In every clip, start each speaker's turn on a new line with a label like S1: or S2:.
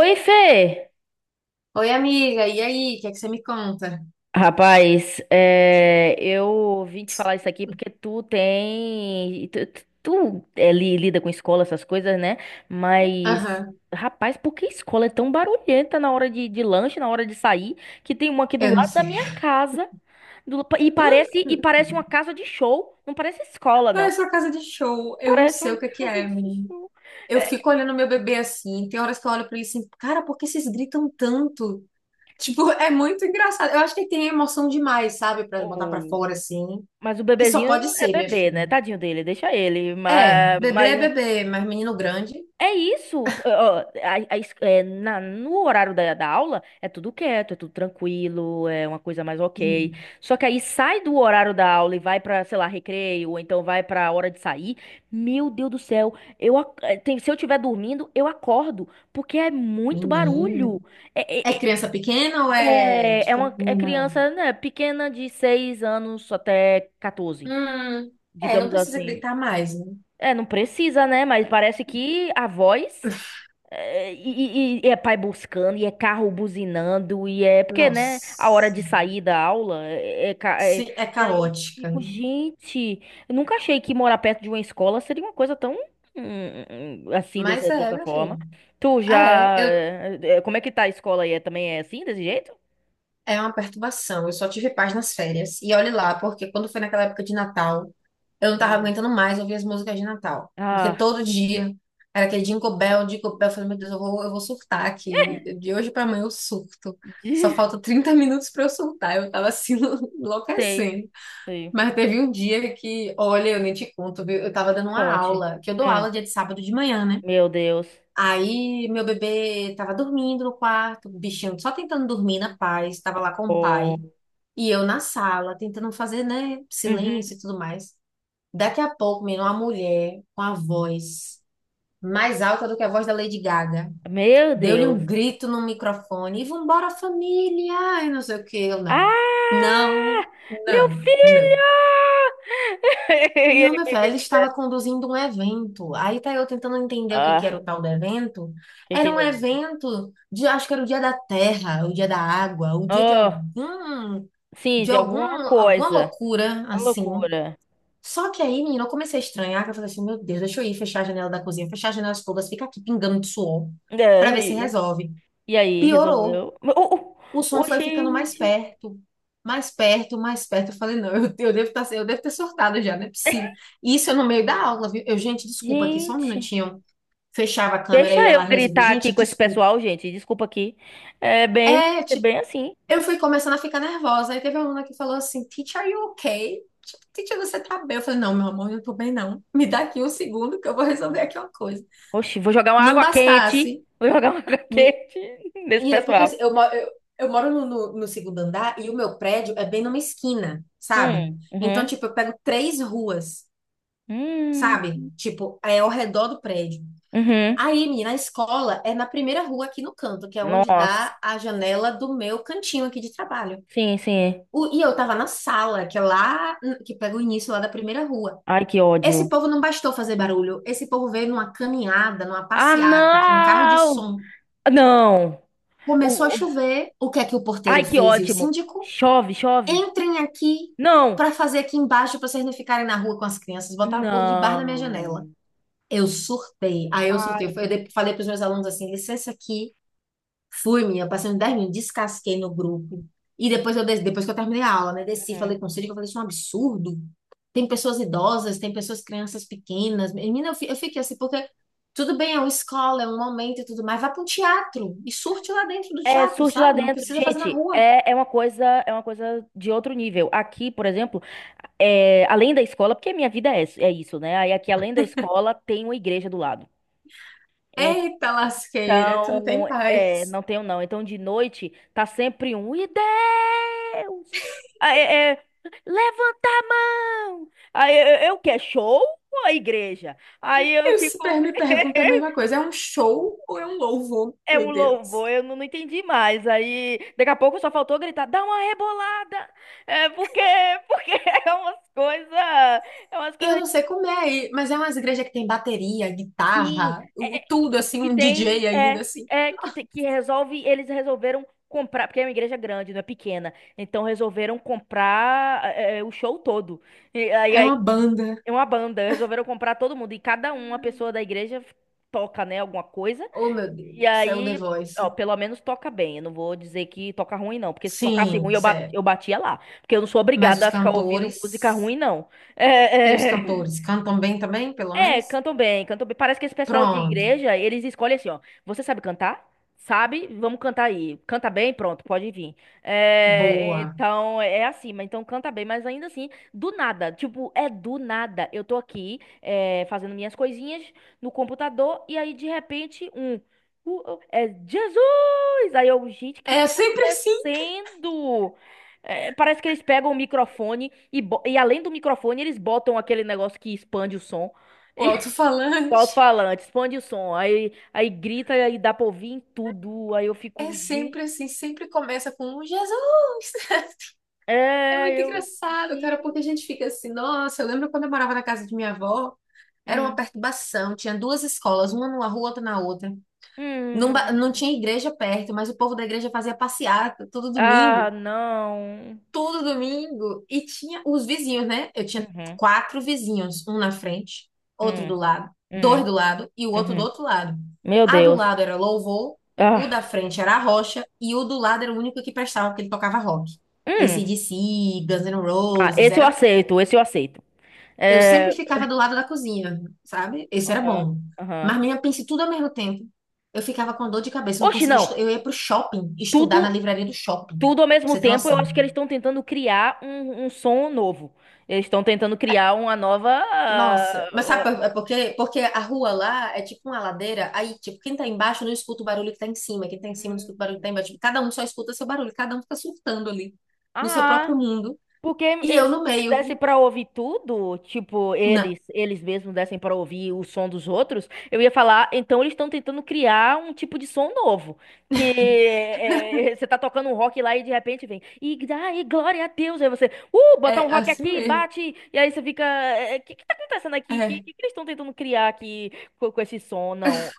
S1: Oi, Fê!
S2: Oi, amiga, e aí? O que é que você me conta?
S1: Rapaz, eu vim te falar isso aqui porque tu tem. Tu lida com escola, essas coisas, né? Mas,
S2: Aham,
S1: rapaz, por que escola é tão barulhenta na hora de lanche, na hora de sair? Que tem uma aqui do
S2: eu não
S1: lado da
S2: sei.
S1: minha casa. do- e parece, e parece uma casa de show. Não parece escola,
S2: Ah, é
S1: não.
S2: sua casa de show, eu não
S1: Parece
S2: sei
S1: uma
S2: o que
S1: casa
S2: é,
S1: de
S2: menina.
S1: show.
S2: Eu
S1: É,
S2: fico olhando meu bebê assim, tem horas que eu olho pra ele assim, cara, por que vocês gritam tanto? Tipo, é muito engraçado. Eu acho que ele tem emoção demais, sabe, pra botar pra
S1: o-
S2: fora assim,
S1: mas o
S2: que só
S1: bebezinho
S2: pode
S1: é
S2: ser, minha
S1: bebê,
S2: filha.
S1: né? Tadinho dele, deixa ele. Mas, mas
S2: É bebê, mas menino grande.
S1: É isso. Ó, a es- é, na- no horário da aula é tudo quieto, é tudo tranquilo, é uma coisa mais ok.
S2: Hum,
S1: Só que aí sai do horário da aula e vai pra, sei lá, recreio, ou então vai pra hora de sair. Meu Deus do céu, eu, ac- eh, tem- se eu estiver dormindo, eu acordo, porque é muito barulho.
S2: menino. É
S1: É, é,
S2: criança pequena ou
S1: é,
S2: é,
S1: é é
S2: tipo,
S1: uma é
S2: menina maior?
S1: criança, né, pequena de 6 anos até 14,
S2: Hum, é, não
S1: digamos
S2: precisa
S1: assim.
S2: gritar mais, né?
S1: É, não precisa, né? Mas parece que a voz. É. E é pai buscando, e é carro buzinando, e é. Porque, né? A hora
S2: Nossa,
S1: de sair da aula é...
S2: sim, é
S1: E aí eu
S2: caótica,
S1: fico,
S2: né?
S1: gente, eu nunca achei que morar perto de uma escola seria uma coisa tão. Assim,
S2: Mas
S1: dessa,
S2: é,
S1: dessa
S2: meu
S1: forma.
S2: filho.
S1: Tu
S2: É,
S1: já. Como é que tá a escola aí? Também é assim, desse jeito?
S2: é uma perturbação. Eu só tive paz nas férias. E olhe lá, porque quando foi naquela época de Natal, eu não tava
S1: Hum.
S2: aguentando mais ouvir as músicas de Natal. Porque
S1: Ah,
S2: todo dia era aquele Jingle Bell, Jingle Bell. Eu falei, meu Deus, eu vou surtar aqui. De hoje pra amanhã eu surto. Só
S1: de-
S2: falta 30 minutos pra eu surtar. Eu tava assim,
S1: sei,
S2: enlouquecendo.
S1: sei.
S2: Mas teve um dia que, olha, eu nem te conto, viu? Eu tava dando uma
S1: Conte.
S2: aula, que eu dou
S1: Hum,
S2: aula dia de sábado de manhã, né?
S1: meu Deus.
S2: Aí meu bebê tava dormindo no quarto, o bichinho só tentando dormir na paz, tava lá com o
S1: Oh.
S2: pai. E eu na sala, tentando fazer, né,
S1: Uhum.
S2: silêncio e tudo mais. Daqui a pouco, menino, uma mulher com a voz mais alta do que a voz da Lady Gaga.
S1: Meu
S2: Deu-lhe
S1: Deus.
S2: um grito no microfone e vambora família, e não sei o que, eu não. Não,
S1: Ah! Meu
S2: não, não.
S1: filho!
S2: Não, meu filho, ela estava conduzindo um evento. Aí tá eu tentando entender o que que era
S1: Ah,
S2: o tal do evento.
S1: que
S2: Era um
S1: é?
S2: evento de, acho que era o dia da terra, o dia da água, o dia de
S1: Oh,
S2: algum,
S1: sim,
S2: de
S1: de
S2: algum,
S1: alguma
S2: alguma
S1: coisa.
S2: loucura
S1: Uma
S2: assim.
S1: loucura.
S2: Só que aí, menina, eu comecei a estranhar, que eu falei assim, meu Deus, deixa eu ir fechar a janela da cozinha, fechar as janelas todas, fica aqui pingando de suor, pra
S1: É,
S2: ver se
S1: e,
S2: resolve.
S1: e aí,
S2: Piorou.
S1: resolveu? Oh, oh,
S2: O som
S1: oh,
S2: foi ficando mais
S1: gente,
S2: perto, mais perto, mais perto. Eu falei, não, eu devo ter sortado já, não é possível. E isso eu no meio da aula, viu? Eu, gente, desculpa aqui, só um
S1: gente.
S2: minutinho. Fechava a câmera
S1: Deixa
S2: e
S1: eu
S2: ela resolveu,
S1: gritar aqui
S2: gente,
S1: com esse
S2: desculpa.
S1: pessoal, gente. Desculpa aqui. É bem, é
S2: Pet,
S1: bem assim.
S2: eu fui começando a ficar nervosa. Aí teve uma aluna que falou assim, teacher, are you okay? Tipo, teacher, você tá bem? Eu falei, não, meu amor, eu não tô bem, não. Me dá aqui um segundo que eu vou resolver aqui uma coisa.
S1: Oxi, vou jogar uma
S2: Não
S1: água quente.
S2: bastasse,
S1: Vou jogar uma água
S2: me-
S1: quente nesse
S2: menina, porque
S1: pessoal.
S2: assim, eu moro no segundo andar, e o meu prédio é bem numa esquina, sabe?
S1: Hum.
S2: Então,
S1: Uhum.
S2: tipo, eu pego três ruas, sabe?
S1: Hum.
S2: Tipo, é ao redor do prédio.
S1: Uhum.
S2: Aí, menina, a escola é na primeira rua aqui no canto, que é onde
S1: Nossa.
S2: dá a janela do meu cantinho aqui de trabalho.
S1: Sim, sim.
S2: E eu tava na sala, que é lá, que pega o início lá da primeira rua.
S1: Ai, que
S2: Esse
S1: ódio.
S2: povo não bastou fazer barulho. Esse povo veio numa caminhada, numa
S1: Ah,
S2: passeata, com um carro de
S1: não!
S2: som.
S1: Não!
S2: Começou a
S1: O- o-
S2: chover. O que é que o porteiro
S1: Ai, que
S2: fez e o
S1: ótimo!
S2: síndico?
S1: Chove, chove!
S2: Entrem aqui para
S1: Não!
S2: fazer aqui embaixo para vocês não ficarem na rua com as crianças. Botaram o povo de debaixo na minha janela.
S1: Não!
S2: Eu surtei. Aí eu surtei.
S1: Ai.
S2: Eu falei para os meus alunos assim: licença aqui. Fui, minha. Passei uns 10 minutos, descasquei no grupo. Depois que eu terminei a aula, né? Desci,
S1: Uhum.
S2: falei com o Cid, eu falei: isso é um absurdo. Tem pessoas idosas, tem pessoas, crianças pequenas. Menina, eu fiquei assim, porque tudo bem, é uma escola, é um momento e tudo mais. Vá para um teatro e surte lá dentro do
S1: É
S2: teatro,
S1: surge lá
S2: sabe? Não
S1: dentro,
S2: precisa fazer na
S1: gente.
S2: rua.
S1: É uma coisa de outro nível. Aqui, por exemplo, além da escola, porque minha vida é isso, né? Aí aqui, além da escola, tem uma igreja do lado.
S2: Eita lasqueira, tu não tem
S1: Então,
S2: paz.
S1: não tenho não. Então, de noite, tá sempre um. E Deus! Aí, levanta a mão! Aí, eu quero show ou a igreja? Aí eu
S2: Eu
S1: fico.
S2: super me pergunto a mesma coisa, é um show ou é um louvor?
S1: É um
S2: Meu Deus.
S1: louvor, eu não entendi mais. Aí, daqui a pouco só faltou gritar, dá uma rebolada! É porque é umas coisas. É umas
S2: E eu
S1: coisas.
S2: não sei como é aí, mas é umas igrejas que tem bateria,
S1: Sim,
S2: guitarra, tudo
S1: que,
S2: assim,
S1: que
S2: um
S1: tem
S2: DJ
S1: é
S2: ainda assim.
S1: é que te- que resolve eles resolveram comprar porque é uma igreja grande, não é pequena, então resolveram comprar o show todo. E aí
S2: É
S1: aí
S2: uma banda.
S1: é uma banda, resolveram comprar todo mundo e cada uma pessoa da igreja toca, né, alguma coisa.
S2: Oh, meu Deus,
S1: E
S2: isso é o The
S1: aí, ó,
S2: Voice.
S1: pelo menos toca bem. Eu não vou dizer que toca ruim não, porque se tocasse
S2: Sim,
S1: ruim eu ba-
S2: sério.
S1: eu batia lá, porque eu não sou
S2: Mas os
S1: obrigada a ficar ouvindo
S2: cantores,
S1: música ruim não.
S2: e os
S1: É, é.
S2: cantores cantam bem também, pelo
S1: É,
S2: menos?
S1: cantam bem, cantam bem. Parece que esse pessoal de
S2: Pronto,
S1: igreja, eles escolhem assim, ó. Você sabe cantar? Sabe? Vamos cantar aí. Canta bem? Pronto, pode vir. É,
S2: boa.
S1: então, é assim, mas então canta bem, mas ainda assim, do nada. Tipo, é do nada. Eu tô aqui, fazendo minhas coisinhas no computador, e aí, de repente, um. É Jesus! Aí eu, gente, o que
S2: É
S1: que tá
S2: sempre assim,
S1: acontecendo? É, parece que eles pegam o microfone e além do microfone, eles botam aquele negócio que expande o som.
S2: o
S1: E O
S2: alto-falante.
S1: alto-falante, expande o som, aí grita, aí dá pra ouvir em tudo, aí eu fico,
S2: É sempre
S1: gente,
S2: assim, sempre começa com um Jesus. É
S1: é,
S2: muito
S1: eu,
S2: engraçado, cara, porque
S1: gente.
S2: a gente fica assim, nossa, eu lembro quando eu morava na casa de minha avó, era uma
S1: Hum.
S2: perturbação, tinha duas escolas, uma numa rua, outra na outra. Não, não
S1: Hum.
S2: tinha igreja perto, mas o povo da igreja fazia passeata todo
S1: Ah,
S2: domingo,
S1: não.
S2: todo domingo, e tinha os vizinhos, né? Eu tinha
S1: Uhum.
S2: quatro vizinhos, um na frente, outro do
S1: Hum.
S2: lado, dois
S1: Hum.
S2: do lado e o outro do
S1: Uhum.
S2: outro lado.
S1: Meu
S2: A do
S1: Deus.
S2: lado era louvor, o da
S1: Ah.
S2: frente era a rocha e o do lado era o único que prestava porque ele tocava rock.
S1: Hum.
S2: AC/DC, Guns N'
S1: Ah,
S2: Roses, era
S1: esse eu aceito,
S2: eu
S1: é,
S2: sempre ficava do lado da cozinha, sabe? Esse era
S1: aham,
S2: bom.
S1: aham.
S2: Mas minha pense tudo ao mesmo tempo. Eu ficava com dor de cabeça, não
S1: Oxe,
S2: conseguia
S1: não,
S2: eu ia pro shopping, estudar na
S1: tudo,
S2: livraria do shopping,
S1: tudo ao
S2: pra
S1: mesmo
S2: você ter
S1: tempo, eu acho
S2: noção.
S1: que eles estão tentando criar um som novo, eles estão tentando criar uma nova,
S2: Nossa, mas sabe
S1: ah,
S2: por quê? Porque a rua lá é tipo uma ladeira, aí, tipo, quem tá embaixo não escuta o barulho que tá em cima, quem tá em cima não escuta o
S1: ah,
S2: barulho que tá embaixo. Tipo, cada um só escuta seu barulho, cada um fica surtando ali, no seu próprio
S1: ah,
S2: mundo,
S1: porque
S2: e eu no
S1: se desse
S2: meio.
S1: pra ouvir tudo, tipo,
S2: Não,
S1: eles mesmos dessem pra ouvir o som dos outros, eu ia falar, então eles estão tentando criar um tipo de som novo, que você tá tocando um rock lá e de repente vem, e ai, glória a Deus, aí você, botar
S2: é
S1: um rock
S2: assim
S1: aqui,
S2: mesmo.
S1: bate, e aí você fica, o que que tá acontecendo aqui? O que,
S2: É.
S1: que que eles estão tentando criar aqui com esse som? Não,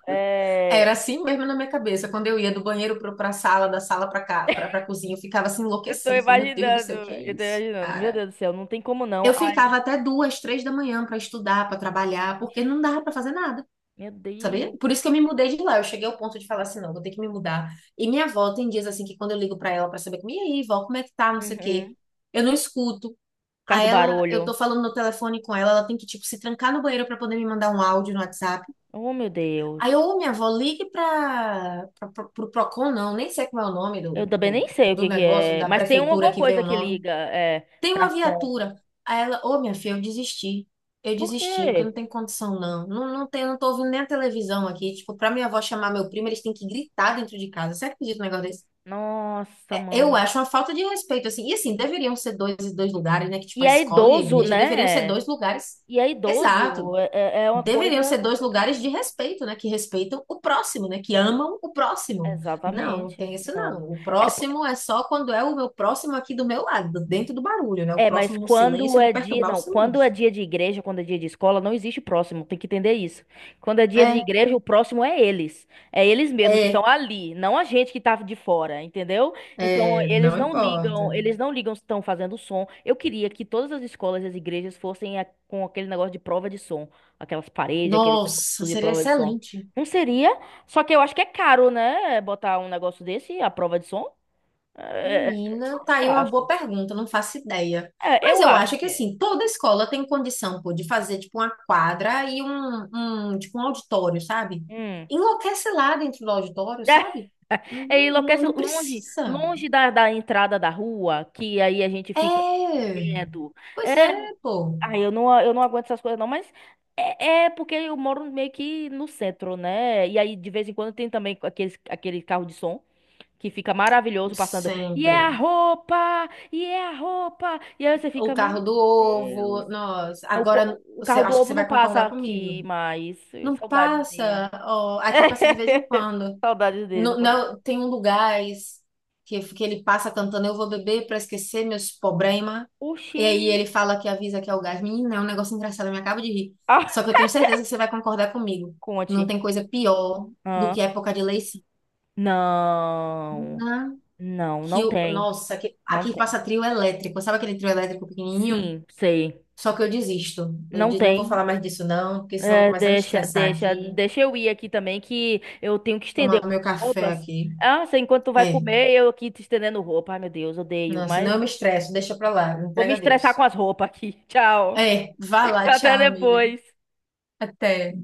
S2: Era
S1: é...
S2: assim mesmo na minha cabeça. Quando eu ia do banheiro pra sala, da sala pra cá, pra cozinha, eu ficava assim enlouquecida. Falei, meu Deus do céu, o que é
S1: Eu tô
S2: isso,
S1: imaginando, meu
S2: cara?
S1: Deus do céu, não tem como não.
S2: Eu
S1: Ai,
S2: ficava até 2, 3 da manhã pra estudar, pra trabalhar, porque não dava pra fazer nada.
S1: meu
S2: Sabia?
S1: Deus.
S2: Por isso que eu me mudei de lá. Eu cheguei ao ponto de falar assim, não, vou ter que me mudar. E minha avó tem dias assim que quando eu ligo pra ela pra saber como, e aí, vó, como é que tá, não sei o quê,
S1: Uhum.
S2: eu não escuto.
S1: Por causa
S2: A
S1: do
S2: ela, eu tô
S1: barulho.
S2: falando no telefone com ela, ela tem que, tipo, se trancar no banheiro pra poder me mandar um áudio no WhatsApp.
S1: Oh, meu
S2: Aí eu,
S1: Deus.
S2: ô, minha avó, ligue pra, pra, pro pro Procon, não, nem sei como é o nome
S1: Eu
S2: do,
S1: também nem
S2: do,
S1: sei o
S2: do
S1: que que
S2: negócio,
S1: é,
S2: da
S1: mas tem
S2: prefeitura
S1: alguma
S2: que vem
S1: coisa
S2: o
S1: que
S2: nome.
S1: liga,
S2: Tem uma
S1: pra som.
S2: viatura. Aí ela, ô, minha filha, eu desisti. Eu
S1: Por
S2: desisti, porque
S1: quê?
S2: não tem condição, não. Não, não tem, não tô ouvindo nem a televisão aqui. Tipo, pra minha avó chamar meu primo, eles têm que gritar dentro de casa. Você acredita num negócio desse?
S1: Nossa,
S2: É, eu
S1: mano.
S2: acho uma falta de respeito, assim. E assim, deveriam ser dois e dois lugares, né? Que tipo,
S1: E
S2: a
S1: é
S2: escola e a
S1: idoso,
S2: igreja deveriam ser
S1: né?
S2: dois lugares.
S1: E é
S2: Exato.
S1: idoso, é uma
S2: Deveriam
S1: coisa
S2: ser dois lugares de
S1: complicada.
S2: respeito, né? Que respeitam o próximo, né? Que amam o próximo. Não, não
S1: Exatamente.
S2: tem isso
S1: Não.
S2: não. O
S1: É
S2: próximo é só quando é o meu próximo aqui do meu lado, dentro do barulho, né? O
S1: É, mas
S2: próximo no silêncio,
S1: quando
S2: eu vou
S1: é dia,
S2: perturbar o
S1: não, quando é
S2: silêncio.
S1: dia de igreja, quando é dia de escola, não existe próximo, tem que entender isso. Quando é dia de
S2: É,
S1: igreja, o próximo é eles. É eles mesmos que estão
S2: é,
S1: ali, não a gente que tava de fora, entendeu? Então,
S2: é, não importa.
S1: eles não ligam se estão fazendo som. Eu queria que todas as escolas e as igrejas fossem com aquele negócio de prova de som, aquelas paredes, aquele
S2: Nossa,
S1: negócio de
S2: seria
S1: prova de som.
S2: excelente.
S1: Não seria? Só que eu acho que é caro, né, botar um negócio desse, a prova de som. É, é,
S2: Menina, tá
S1: eu
S2: aí uma boa
S1: acho.
S2: pergunta, não faço ideia.
S1: É,
S2: Mas
S1: eu
S2: eu
S1: acho
S2: acho que
S1: que é.
S2: assim, toda escola tem condição, pô, de fazer tipo uma quadra e um tipo um auditório, sabe?
S1: Hum.
S2: Enlouquece lá dentro do auditório, sabe?
S1: É,
S2: Não, não,
S1: Enlouquece
S2: não
S1: longe,
S2: precisa.
S1: longe da entrada da rua, que aí a gente fica
S2: É,
S1: vendo.
S2: pois
S1: É,
S2: é, pô.
S1: ai, eu não aguento essas coisas não, mas é porque eu moro meio que no centro, né? E aí de vez em quando tem também aqueles, aquele carro de som que fica maravilhoso passando. E é a
S2: Sempre.
S1: roupa! E é a roupa! E aí você
S2: O
S1: fica, meu
S2: carro do
S1: Deus.
S2: ovo, nós.
S1: O,
S2: Agora,
S1: co- o
S2: você,
S1: carro do
S2: acho que
S1: ovo
S2: você
S1: não
S2: vai
S1: passa
S2: concordar comigo.
S1: aqui mais.
S2: Não
S1: Saudades dele.
S2: passa, ó, aqui passa de vez em quando.
S1: Saudades dele, não passa.
S2: Tem um lugar que ele passa cantando: eu vou beber pra esquecer meus problemas.
S1: Oxi.
S2: E aí ele fala que avisa que é o gás. Menina, é um negócio engraçado, eu me acabo de rir. Só que eu tenho certeza que você vai concordar comigo. Não
S1: Conte.
S2: tem coisa pior do
S1: Ah,
S2: que época de Leicina.
S1: não. Não, não tem.
S2: Nossa,
S1: Não
S2: aqui
S1: tem.
S2: passa trio elétrico. Sabe aquele trio elétrico pequenininho?
S1: Sim, sei.
S2: Só que eu desisto. Eu
S1: Não
S2: digo, não vou
S1: tem.
S2: falar mais disso não, porque senão eu vou
S1: É,
S2: começar a me
S1: deixa,
S2: estressar
S1: deixa,
S2: aqui.
S1: deixa eu ir aqui também, que eu tenho que estender
S2: Tomar meu
S1: minhas
S2: café
S1: roupas.
S2: aqui.
S1: Ah, você, enquanto tu vai
S2: É,
S1: comer, eu aqui te estendendo roupa. Ai, meu Deus, odeio,
S2: não, senão
S1: mas
S2: eu me estresso. Deixa pra lá,
S1: vou me
S2: entrega a
S1: estressar com
S2: Deus.
S1: as roupas aqui. Tchau.
S2: É, vá lá,
S1: Até
S2: tchau, amiga.
S1: depois.
S2: Até.